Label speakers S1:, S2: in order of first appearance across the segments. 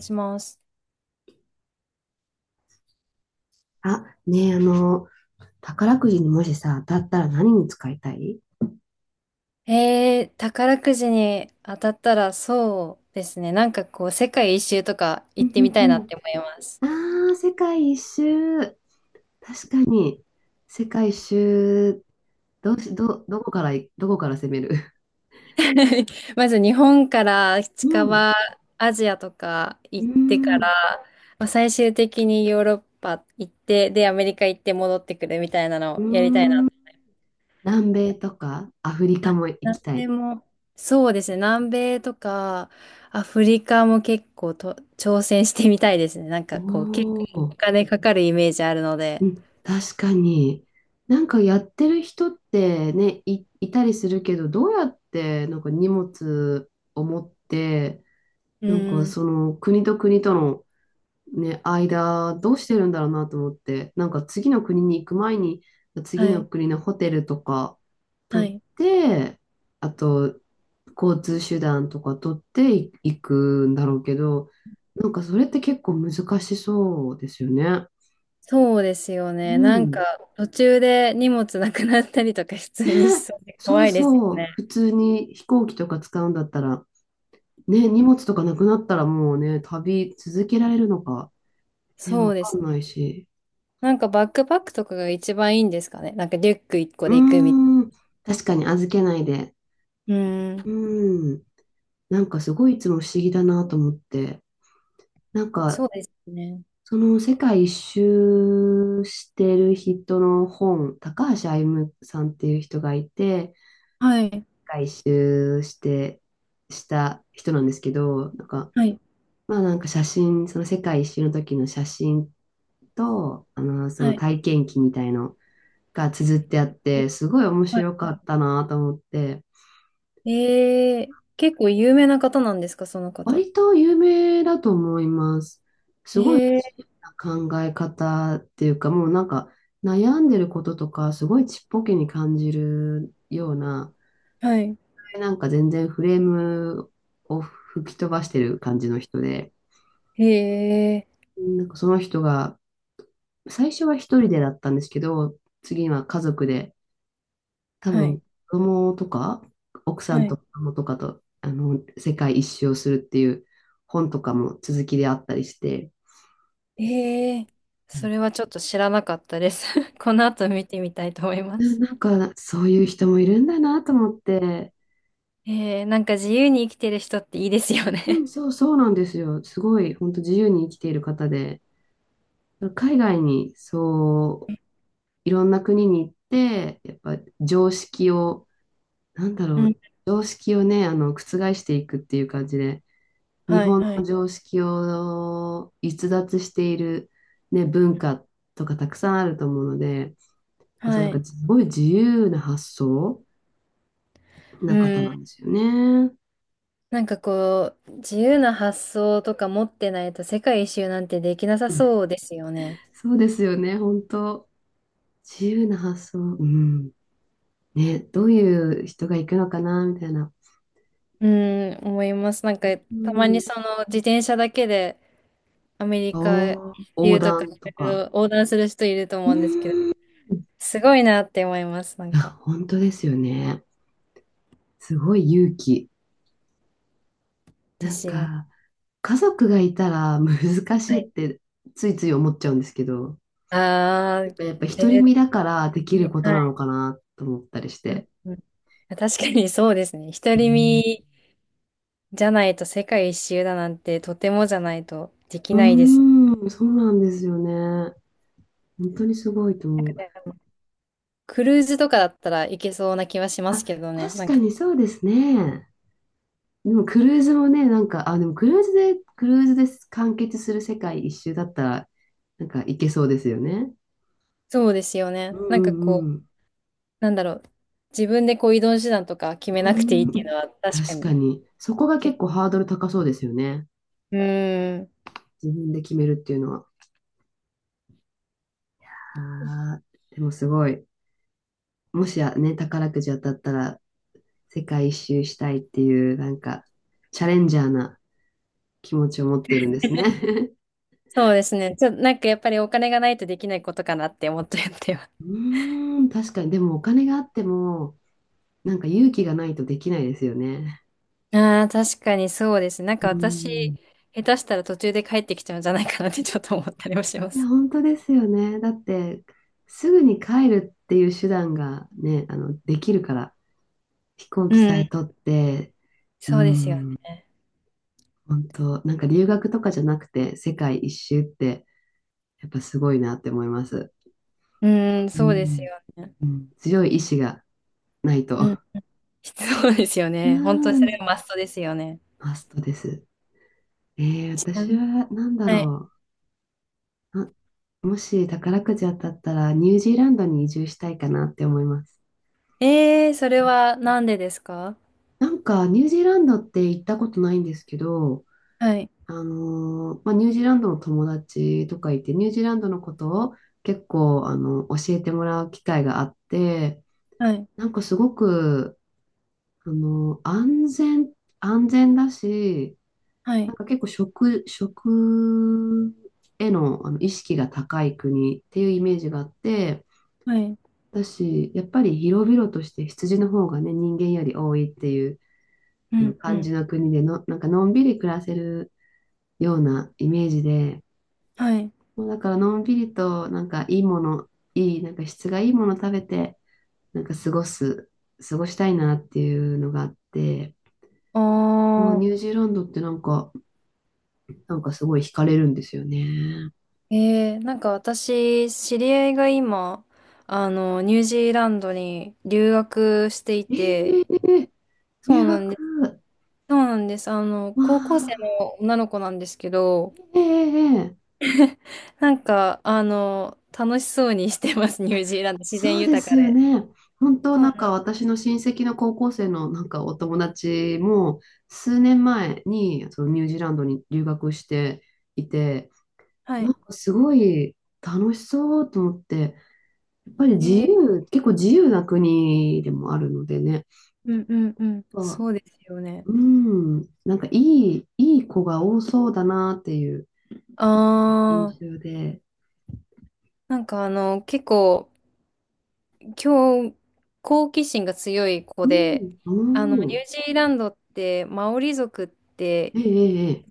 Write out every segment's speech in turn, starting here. S1: します。
S2: あ、ねえ、宝くじにもしさ、当たったら何に使いたい？
S1: 宝くじに当たったらそうですね。なんかこう、世界一周とか
S2: う
S1: 行っ
S2: んう
S1: てみ
S2: ん
S1: たい
S2: う
S1: なっ
S2: ん。
S1: て思います。
S2: ああ、世界一周。確かに、世界一周、どうし、ど、どこからい、どこから攻める？
S1: まず日本から
S2: う
S1: 近
S2: ん。
S1: 場、アジアとか
S2: う
S1: 行ってか
S2: ん。
S1: ら、まあ、最終的にヨーロッパ行って、で、アメリカ行って戻ってくるみたいな
S2: う
S1: のをやりたいな。
S2: ん。南米とかアフリカも行
S1: 南
S2: きた
S1: 米
S2: い。
S1: も、そうですね。南米とか、アフリカも結構と挑戦してみたいですね。なん
S2: お
S1: かこう、結構
S2: お。
S1: お金かかるイメージあるの
S2: う
S1: で。
S2: ん。確かに。なんかやってる人ってね、いたりするけど、どうやってなんか荷物を持って、
S1: う
S2: なんか
S1: ん。
S2: その国と国とのね、間どうしてるんだろうなと思って、なんか次の国に行く前に、次
S1: は
S2: の
S1: い。
S2: 国のホテルとか
S1: は
S2: 取っ
S1: い。
S2: て、あと交通手段とか取ってい行くんだろうけど、なんかそれって結構難しそうですよね。
S1: そうですよ
S2: う
S1: ね。なんか、
S2: ん。
S1: 途中で荷物なくなったりとか普通にし
S2: ね、
S1: そうで
S2: そ
S1: 怖
S2: う
S1: いですよ
S2: そう。
S1: ね。
S2: 普通に飛行機とか使うんだったら、ね、荷物とかなくなったらもうね、旅続けられるのか、ね、
S1: そ
S2: わ
S1: うで
S2: か
S1: す。
S2: んないし。
S1: なんかバックパックとかが一番いいんですかね。なんかリュック一個
S2: う
S1: で行くみた
S2: ー
S1: い
S2: ん、確かに預けないで。
S1: な。うー
S2: う
S1: ん。
S2: ーん、なんかすごいいつも不思議だなと思って。なん
S1: そ
S2: か、
S1: うですね。
S2: その世界一周してる人の本、高橋歩さんっていう人がいて、世
S1: はい。
S2: 界一周した人なんですけど、なんか、
S1: はい。
S2: まあなんか写真、その世界一周の時の写真と、そ
S1: は
S2: の
S1: い。
S2: 体験記みたいのが綴ってあっ
S1: え、
S2: て、すごい面
S1: はい
S2: 白か
S1: はい、
S2: ったなと思って。
S1: 結構有名な方なんですか、その方。
S2: 割と有名だと思います。す
S1: え
S2: ごい
S1: ー、
S2: 自由な考え方っていうか、もうなんか悩んでることとか、すごいちっぽけに感じるような、
S1: はい。
S2: なんか全然フレームを吹き飛ばしてる感じの人で、
S1: え
S2: なんかその人が、最初は一人でだったんですけど、次は家族で、多
S1: ー、はい。
S2: 分子供とか、奥さ
S1: は
S2: ん
S1: い、
S2: と子供とかと、世界一周をするっていう本とかも続きであったりして、
S1: ええ、それはちょっと知らなかったです。この後見てみたいと思い ま
S2: な
S1: す。
S2: なんか、そういう人もいるんだなと思って、
S1: ええ、なんか自由に生きてる人っていいですよ
S2: う
S1: ね。
S2: ん、そう、そうなんですよ。すごい、本当自由に生きている方で、海外に、そう、いろんな国に行って、やっぱ常識を、なんだ ろ
S1: うん。
S2: う、常識をね、覆していくっていう感じで、日
S1: はい
S2: 本
S1: は
S2: の
S1: い。
S2: 常識を逸脱している、ね、文化とかたくさんあると思うので、そうい
S1: は
S2: う
S1: い。
S2: か、すごい自由な発想
S1: う
S2: な方
S1: ん。
S2: なんですよね。
S1: なんかこう、自由な発想とか持ってないと世界一周なんてできなさそうですよね。
S2: そうですよね、本当。自由な発想。うん。ね、どういう人が行くのかな、みたいな。
S1: うん、思います。なんか
S2: う
S1: たまに
S2: ん。
S1: その自転車だけでアメリカ
S2: おー、
S1: 一
S2: 横
S1: 周とか
S2: 断と
S1: い
S2: か。
S1: ろいろ横断する人いると
S2: う
S1: 思
S2: ん。
S1: うんですけど、
S2: い
S1: すごいなって思います。なん
S2: や、
S1: か、
S2: 本当ですよね。すごい勇気。
S1: で
S2: なん
S1: すよね。
S2: か、家族がいたら難しいってついつい思っちゃうんですけど、
S1: ああ、
S2: なんかやっぱ独り身
S1: 絶
S2: だからできる
S1: 対、
S2: こと
S1: は
S2: なの
S1: い。
S2: かなと思ったりし
S1: うん
S2: て。
S1: うん、確かにそうですね。独
S2: う
S1: り
S2: ん、
S1: 身じゃないと世界一周だなんてとてもじゃないとでき
S2: う
S1: ないです。
S2: ーんそうなんですよね。本当にすごいと
S1: なん
S2: 思
S1: か
S2: う。
S1: ね、クルーズとかだったらいけそうな気はしま
S2: あ、
S1: すけどね。
S2: 確
S1: なん
S2: か
S1: か
S2: にそうですね。でもクルーズもね、なんか、あ、でもクルーズで、完結する世界一周だったら、なんか行けそうですよね。
S1: そうですよ
S2: う
S1: ね。
S2: んう
S1: なんか
S2: んう
S1: こう、
S2: ん。
S1: なんだろう。自分でこう移動手段とか決め
S2: うー
S1: なくていいってい
S2: ん、
S1: うのは 確か
S2: 確
S1: に、
S2: かに。そこが
S1: け、
S2: 結構ハードル高そうですよね。
S1: うーん。
S2: 自分で決めるっていうのは。あーでもすごい。もしやね、宝くじ当たったら世界一周したいっていう、なんか、チャレンジャーな気持ちを持っているんですね。
S1: そうですね。ちょ、なんかやっぱりお金がないとできないことかなって思っちゃってます。
S2: うーん、確かに。でもお金があっても、なんか勇気がないとできないですよね。
S1: ああ、確かにそうですね。なん
S2: う
S1: か私、
S2: ん。
S1: 下手したら途中で帰ってきちゃうんじゃないかなってちょっと思ったりもしま
S2: いや、
S1: す。
S2: 本当ですよね。だって、すぐに帰るっていう手段がね、できるから、飛行
S1: う
S2: 機さ
S1: ん、
S2: え取って、う
S1: そうですよ
S2: ん、
S1: ね。
S2: 本当、なんか留学とかじゃなくて、世界一周って、やっぱすごいなって思います。
S1: うん、
S2: う
S1: そうです
S2: ん、
S1: よね。
S2: うん、強い意志がない
S1: うん、
S2: と。
S1: そうですよ
S2: う
S1: ね。本当にそれ
S2: ん、
S1: はマストですよね。
S2: マストです。
S1: ちな
S2: 私
S1: みに。
S2: は、なんだ
S1: はい。
S2: ろう。あ、もし宝くじ当たったら、ニュージーランドに移住したいかなって思います。
S1: それはなんでですか？
S2: なんか、ニュージーランドって行ったことないんですけど、
S1: はい、
S2: まあ、ニュージーランドの友達とかいて、ニュージーランドのことを結構、教えてもらう機会があって、
S1: はい、
S2: なんかすごく、あのー安全、安全だし、
S1: は
S2: なん
S1: い、
S2: か結構食への、意識が高い国っていうイメージがあって、
S1: はい、
S2: 私やっぱり広々として羊の方がね、人間より多いっていう
S1: う
S2: あの
S1: ん、う
S2: 感じ
S1: ん、
S2: の国での、なんかのんびり暮らせるようなイメージで、
S1: はい。
S2: もうだからのんびりとなんかいいもの、なんか質がいいもの食べて、なんか過ごしたいなっていうのがあって、もう
S1: あ
S2: ニュージーランドってなんか、なんかすごい惹かれるんですよね。
S1: ー、えー、なんか私、知り合いが今、あの、ニュージーランドに留学していて、
S2: ええ、
S1: そう
S2: 留
S1: なんです。
S2: 学、
S1: そうなんです。あの、
S2: ま
S1: 高校生
S2: あ、
S1: の女の子なんですけど、
S2: ええええ、
S1: なんか、あの、楽しそうにしてます、ニュージーランド。自然
S2: そうで
S1: 豊
S2: す
S1: か
S2: よ
S1: で。
S2: ね。本当
S1: そう
S2: なん
S1: な
S2: か
S1: ん、
S2: 私の親戚の高校生のなんかお友達も数年前にそのニュージーランドに留学していて、
S1: は
S2: なん
S1: い。
S2: かすごい楽しそうと思って、やっぱり
S1: えー、
S2: 結構自由な国でもあるのでね、
S1: うんうんうん。
S2: あ、
S1: そうですよね。
S2: うん、なんかいい子が多そうだなっていう
S1: あ
S2: 印
S1: ー、
S2: 象で、
S1: なんかあの、結構、今日、好奇心が強い子
S2: う
S1: で、
S2: ん、
S1: あの、ニュー
S2: うん、
S1: ジーランドって、マオリ族って
S2: ええ、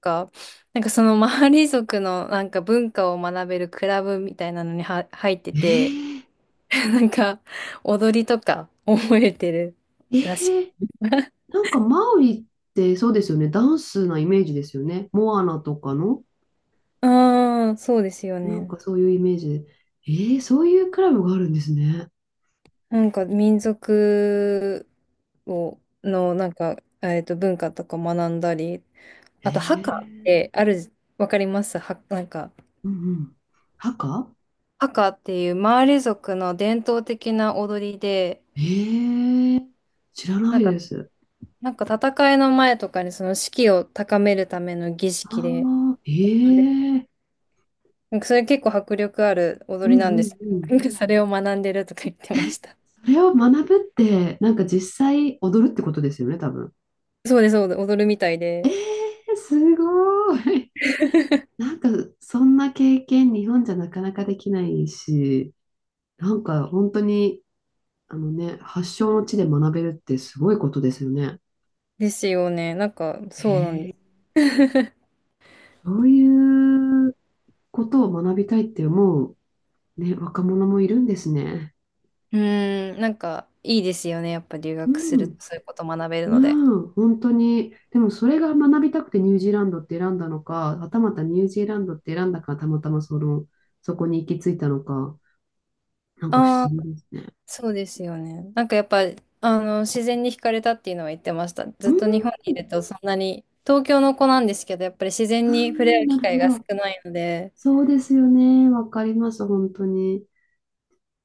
S1: か、なんかそのマオリ族のなんか文化を学べるクラブみたいなのには入って
S2: え
S1: て、
S2: え、
S1: なんか、踊りとか覚えてる
S2: ええ、
S1: らしく。
S2: ええ、なんかマオリってそうですよね。ダンスなイメージですよね。モアナとかの、
S1: ああ、そうですよ
S2: なん
S1: ね。
S2: かそういうイメージで。えー、そういうクラブがあるんですね。
S1: なんか民族を、の、なんか、文化とか学んだり、
S2: え
S1: あと、ハカっ
S2: ー、
S1: てある、わかりますは、なんか、
S2: うんうん。ハカ。
S1: ハカっていうマーレ族の伝統的な踊りで、
S2: えー、知らな
S1: なん
S2: いで
S1: か、
S2: す。
S1: なんか戦いの前とかにその士気を高めるための儀
S2: あ
S1: 式で、
S2: あ、え
S1: あれ
S2: ー、
S1: なんかそれ結構迫力ある踊
S2: う
S1: り
S2: んう
S1: なんです
S2: ん
S1: け
S2: うん。
S1: ど。なんかそれを学んでるとか言ってました。
S2: それを学ぶって、なんか実際踊るってことですよね、多分。
S1: そうです、そうです、踊るみたい
S2: え
S1: で。
S2: ー、すごい。なんかそんな経験日本じゃなかなかできないし、なんか本当にね、発祥の地で学べるってすごいことですよね。
S1: ですよね。なんか、そうなん
S2: へ
S1: で
S2: え、
S1: す。
S2: そういうことを学びたいって思う、ね、若者もいるんですね。
S1: うーん、なんか、いいですよね。やっぱ留
S2: う
S1: 学すると、
S2: ん。
S1: そういうこと学べる
S2: ま
S1: ので。
S2: あ、本当に。でもそれが学びたくてニュージーランドって選んだのか、はたまたニュージーランドって選んだからたまたまそこに行き着いたのか、なんか不
S1: あ
S2: 思
S1: あ、
S2: 議ですね。
S1: そうですよね。なんかやっぱ、あの、自然に惹かれたっていうのは言ってました。ず
S2: う
S1: っ
S2: ん、
S1: と日本にいると、そんなに、東京の子なんですけど、やっぱり自
S2: あ
S1: 然に触れ合
S2: ー
S1: う
S2: な
S1: 機
S2: る
S1: 会
S2: ほ
S1: が少
S2: ど。
S1: ないので、
S2: そうですよね。わかります、本当に。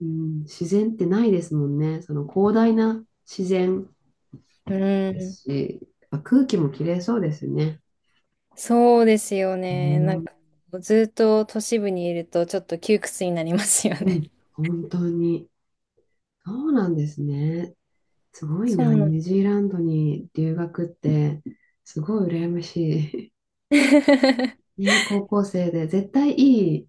S2: うん、自然ってないですもんね。その広大な自然。
S1: うー
S2: で
S1: ん、
S2: すし、やっぱ空気もきれいそうですね。
S1: そうですよ
S2: う
S1: ね。なん
S2: ん、
S1: か、ずっと都市部にいると、ちょっと窮屈になりますよ
S2: う
S1: ね。
S2: ん、本当に。そうなんですね。すごい
S1: そう
S2: な、
S1: なん、
S2: ニュージーランドに留学って、すごい羨まし い。ね、高校生で、絶対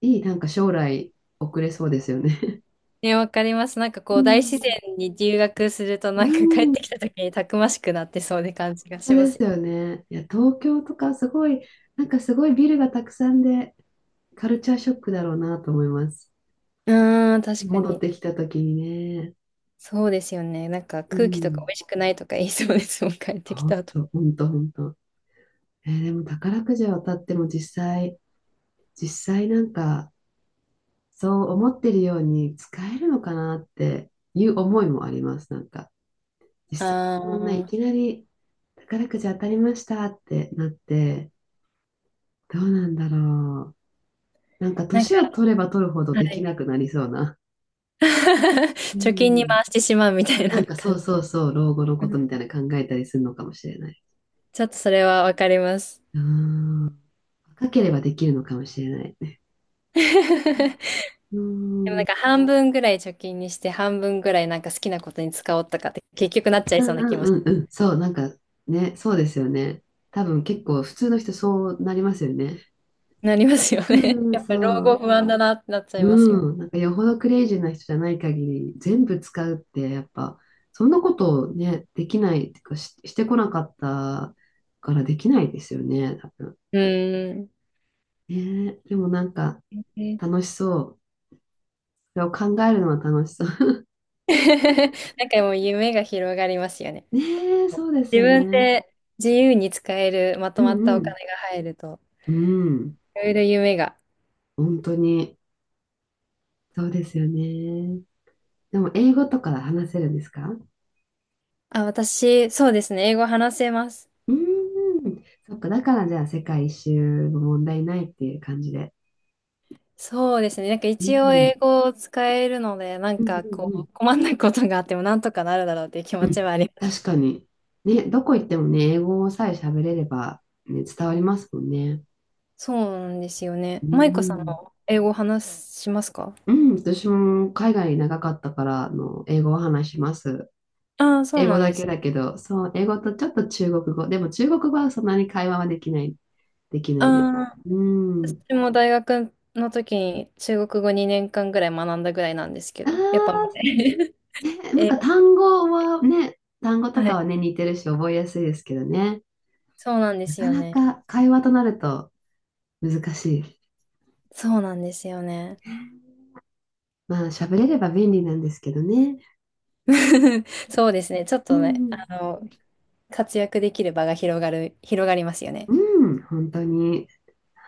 S2: いい、なんか将来送れそうですよね。
S1: ね、わかります。なんか
S2: う
S1: こう、大自
S2: ん、
S1: 然に留学すると、
S2: う
S1: なんか帰っ
S2: ん、
S1: てきた時にたくましくなってそうで感じが
S2: 本
S1: し
S2: 当
S1: ま
S2: で
S1: す
S2: す
S1: よ。
S2: よね。いや、東京とかすごい、なんかすごいビルがたくさんで、カルチャーショックだろうなと思います。
S1: うーん、確か
S2: 戻っ
S1: に。
S2: てきた時にね。
S1: そうですよね。なんか
S2: う
S1: 空気とか
S2: ん。
S1: 美味しくないとか言いそうですもん、帰ってき
S2: ほん
S1: た後。
S2: と、ほんと、ほんと。でも宝くじを当たっても実際、なんか、そう思ってるように使えるのかなっていう思いもあります。なんか、実
S1: あ
S2: 際、そんないき
S1: ー、
S2: なり宝くじ当たりましたってなって、どうなんだろう。なんか、
S1: なん
S2: 年を
S1: か、
S2: 取れば取るほど
S1: は
S2: でき
S1: い。
S2: なくなりそうな。う
S1: 貯金に
S2: ん。
S1: 回してしまうみたい
S2: な
S1: な
S2: んか、そ
S1: 感
S2: う
S1: じ。
S2: そうそう、老後の
S1: う
S2: ことみた
S1: ん、
S2: いな考えたりするのかもしれない。
S1: ちょっとそれはわかります。
S2: うん。若ければできるのかもしれない。
S1: で
S2: うん
S1: もなんか半分ぐらい貯金にして、半分ぐらいなんか好きなことに使おうとかって結局なっちゃ
S2: う
S1: いそうな
S2: ん
S1: 気
S2: う
S1: も
S2: んうんうん。そう、なんかね、そうですよね。多分結構普通の人そうなりますよね。
S1: なりますよね。
S2: うん、
S1: やっぱり老
S2: そ
S1: 後
S2: う。
S1: 不安だなってなっちゃいますよ。
S2: うん。なんかよほどクレイジーな人じゃない限り、全部使うってやっぱ、そんなことをね、できないっていうか、してこなかったからできないですよね、多分。
S1: うーん。
S2: ねえ、でもなんか
S1: ね、
S2: 楽しそう。それを考えるのは楽しそう。
S1: なんかもう夢が広がりますよね。
S2: ねえ、そうです
S1: 自
S2: よ
S1: 分
S2: ね。
S1: で、自由に使えるま
S2: う
S1: とまったお
S2: ん
S1: 金が入ると、
S2: うん。うん。
S1: いろいろ夢が。
S2: 本当に、そうですよね。でも英語とか話せるんですか？う
S1: あ、私、そうですね。英語話せます。
S2: ーん。そっか、だからじゃあ世界一周も問題ないっていう感じで。
S1: そうですね。なんか
S2: う
S1: 一応
S2: ん。
S1: 英語を使えるので、なん
S2: うん
S1: かこ
S2: うん
S1: う、困んないことがあってもなんとかなるだろうっていう気
S2: うん。
S1: 持
S2: う
S1: ち
S2: ん。
S1: はありま
S2: 確
S1: す。
S2: かに。ね、どこ行ってもね、英語さえ喋れれば、ね、伝わりますもんね。
S1: そうなんですよ
S2: う
S1: ね。マイコさん
S2: ん。
S1: も英語話しますか？
S2: うん、私も海外長かったから、英語を話します。
S1: ああー、そう
S2: 英語
S1: なんで
S2: だけ
S1: す。
S2: だけど、そう、英語とちょっと中国語。でも中国語はそんなに会話はできないです。
S1: ああ。
S2: うん。
S1: 私も大学の時に中国語2年間ぐらい学んだぐらいなんですけ
S2: あ
S1: ど、やっぱ、
S2: あ、ね、なん
S1: 英
S2: か
S1: 語、
S2: 単語と
S1: は
S2: か
S1: い。
S2: はね、似てるし覚えやすいですけどね。
S1: そうなんで
S2: な
S1: す
S2: か
S1: よ
S2: な
S1: ね。
S2: か会話となると難しい。
S1: そうなんですよね。
S2: まあ、喋れれば便利なんですけどね。
S1: そうですね。ちょっ
S2: う
S1: とね、
S2: んう
S1: あ
S2: ん。
S1: の、活躍できる場が広がる、広がりますよね。
S2: うん、本当に。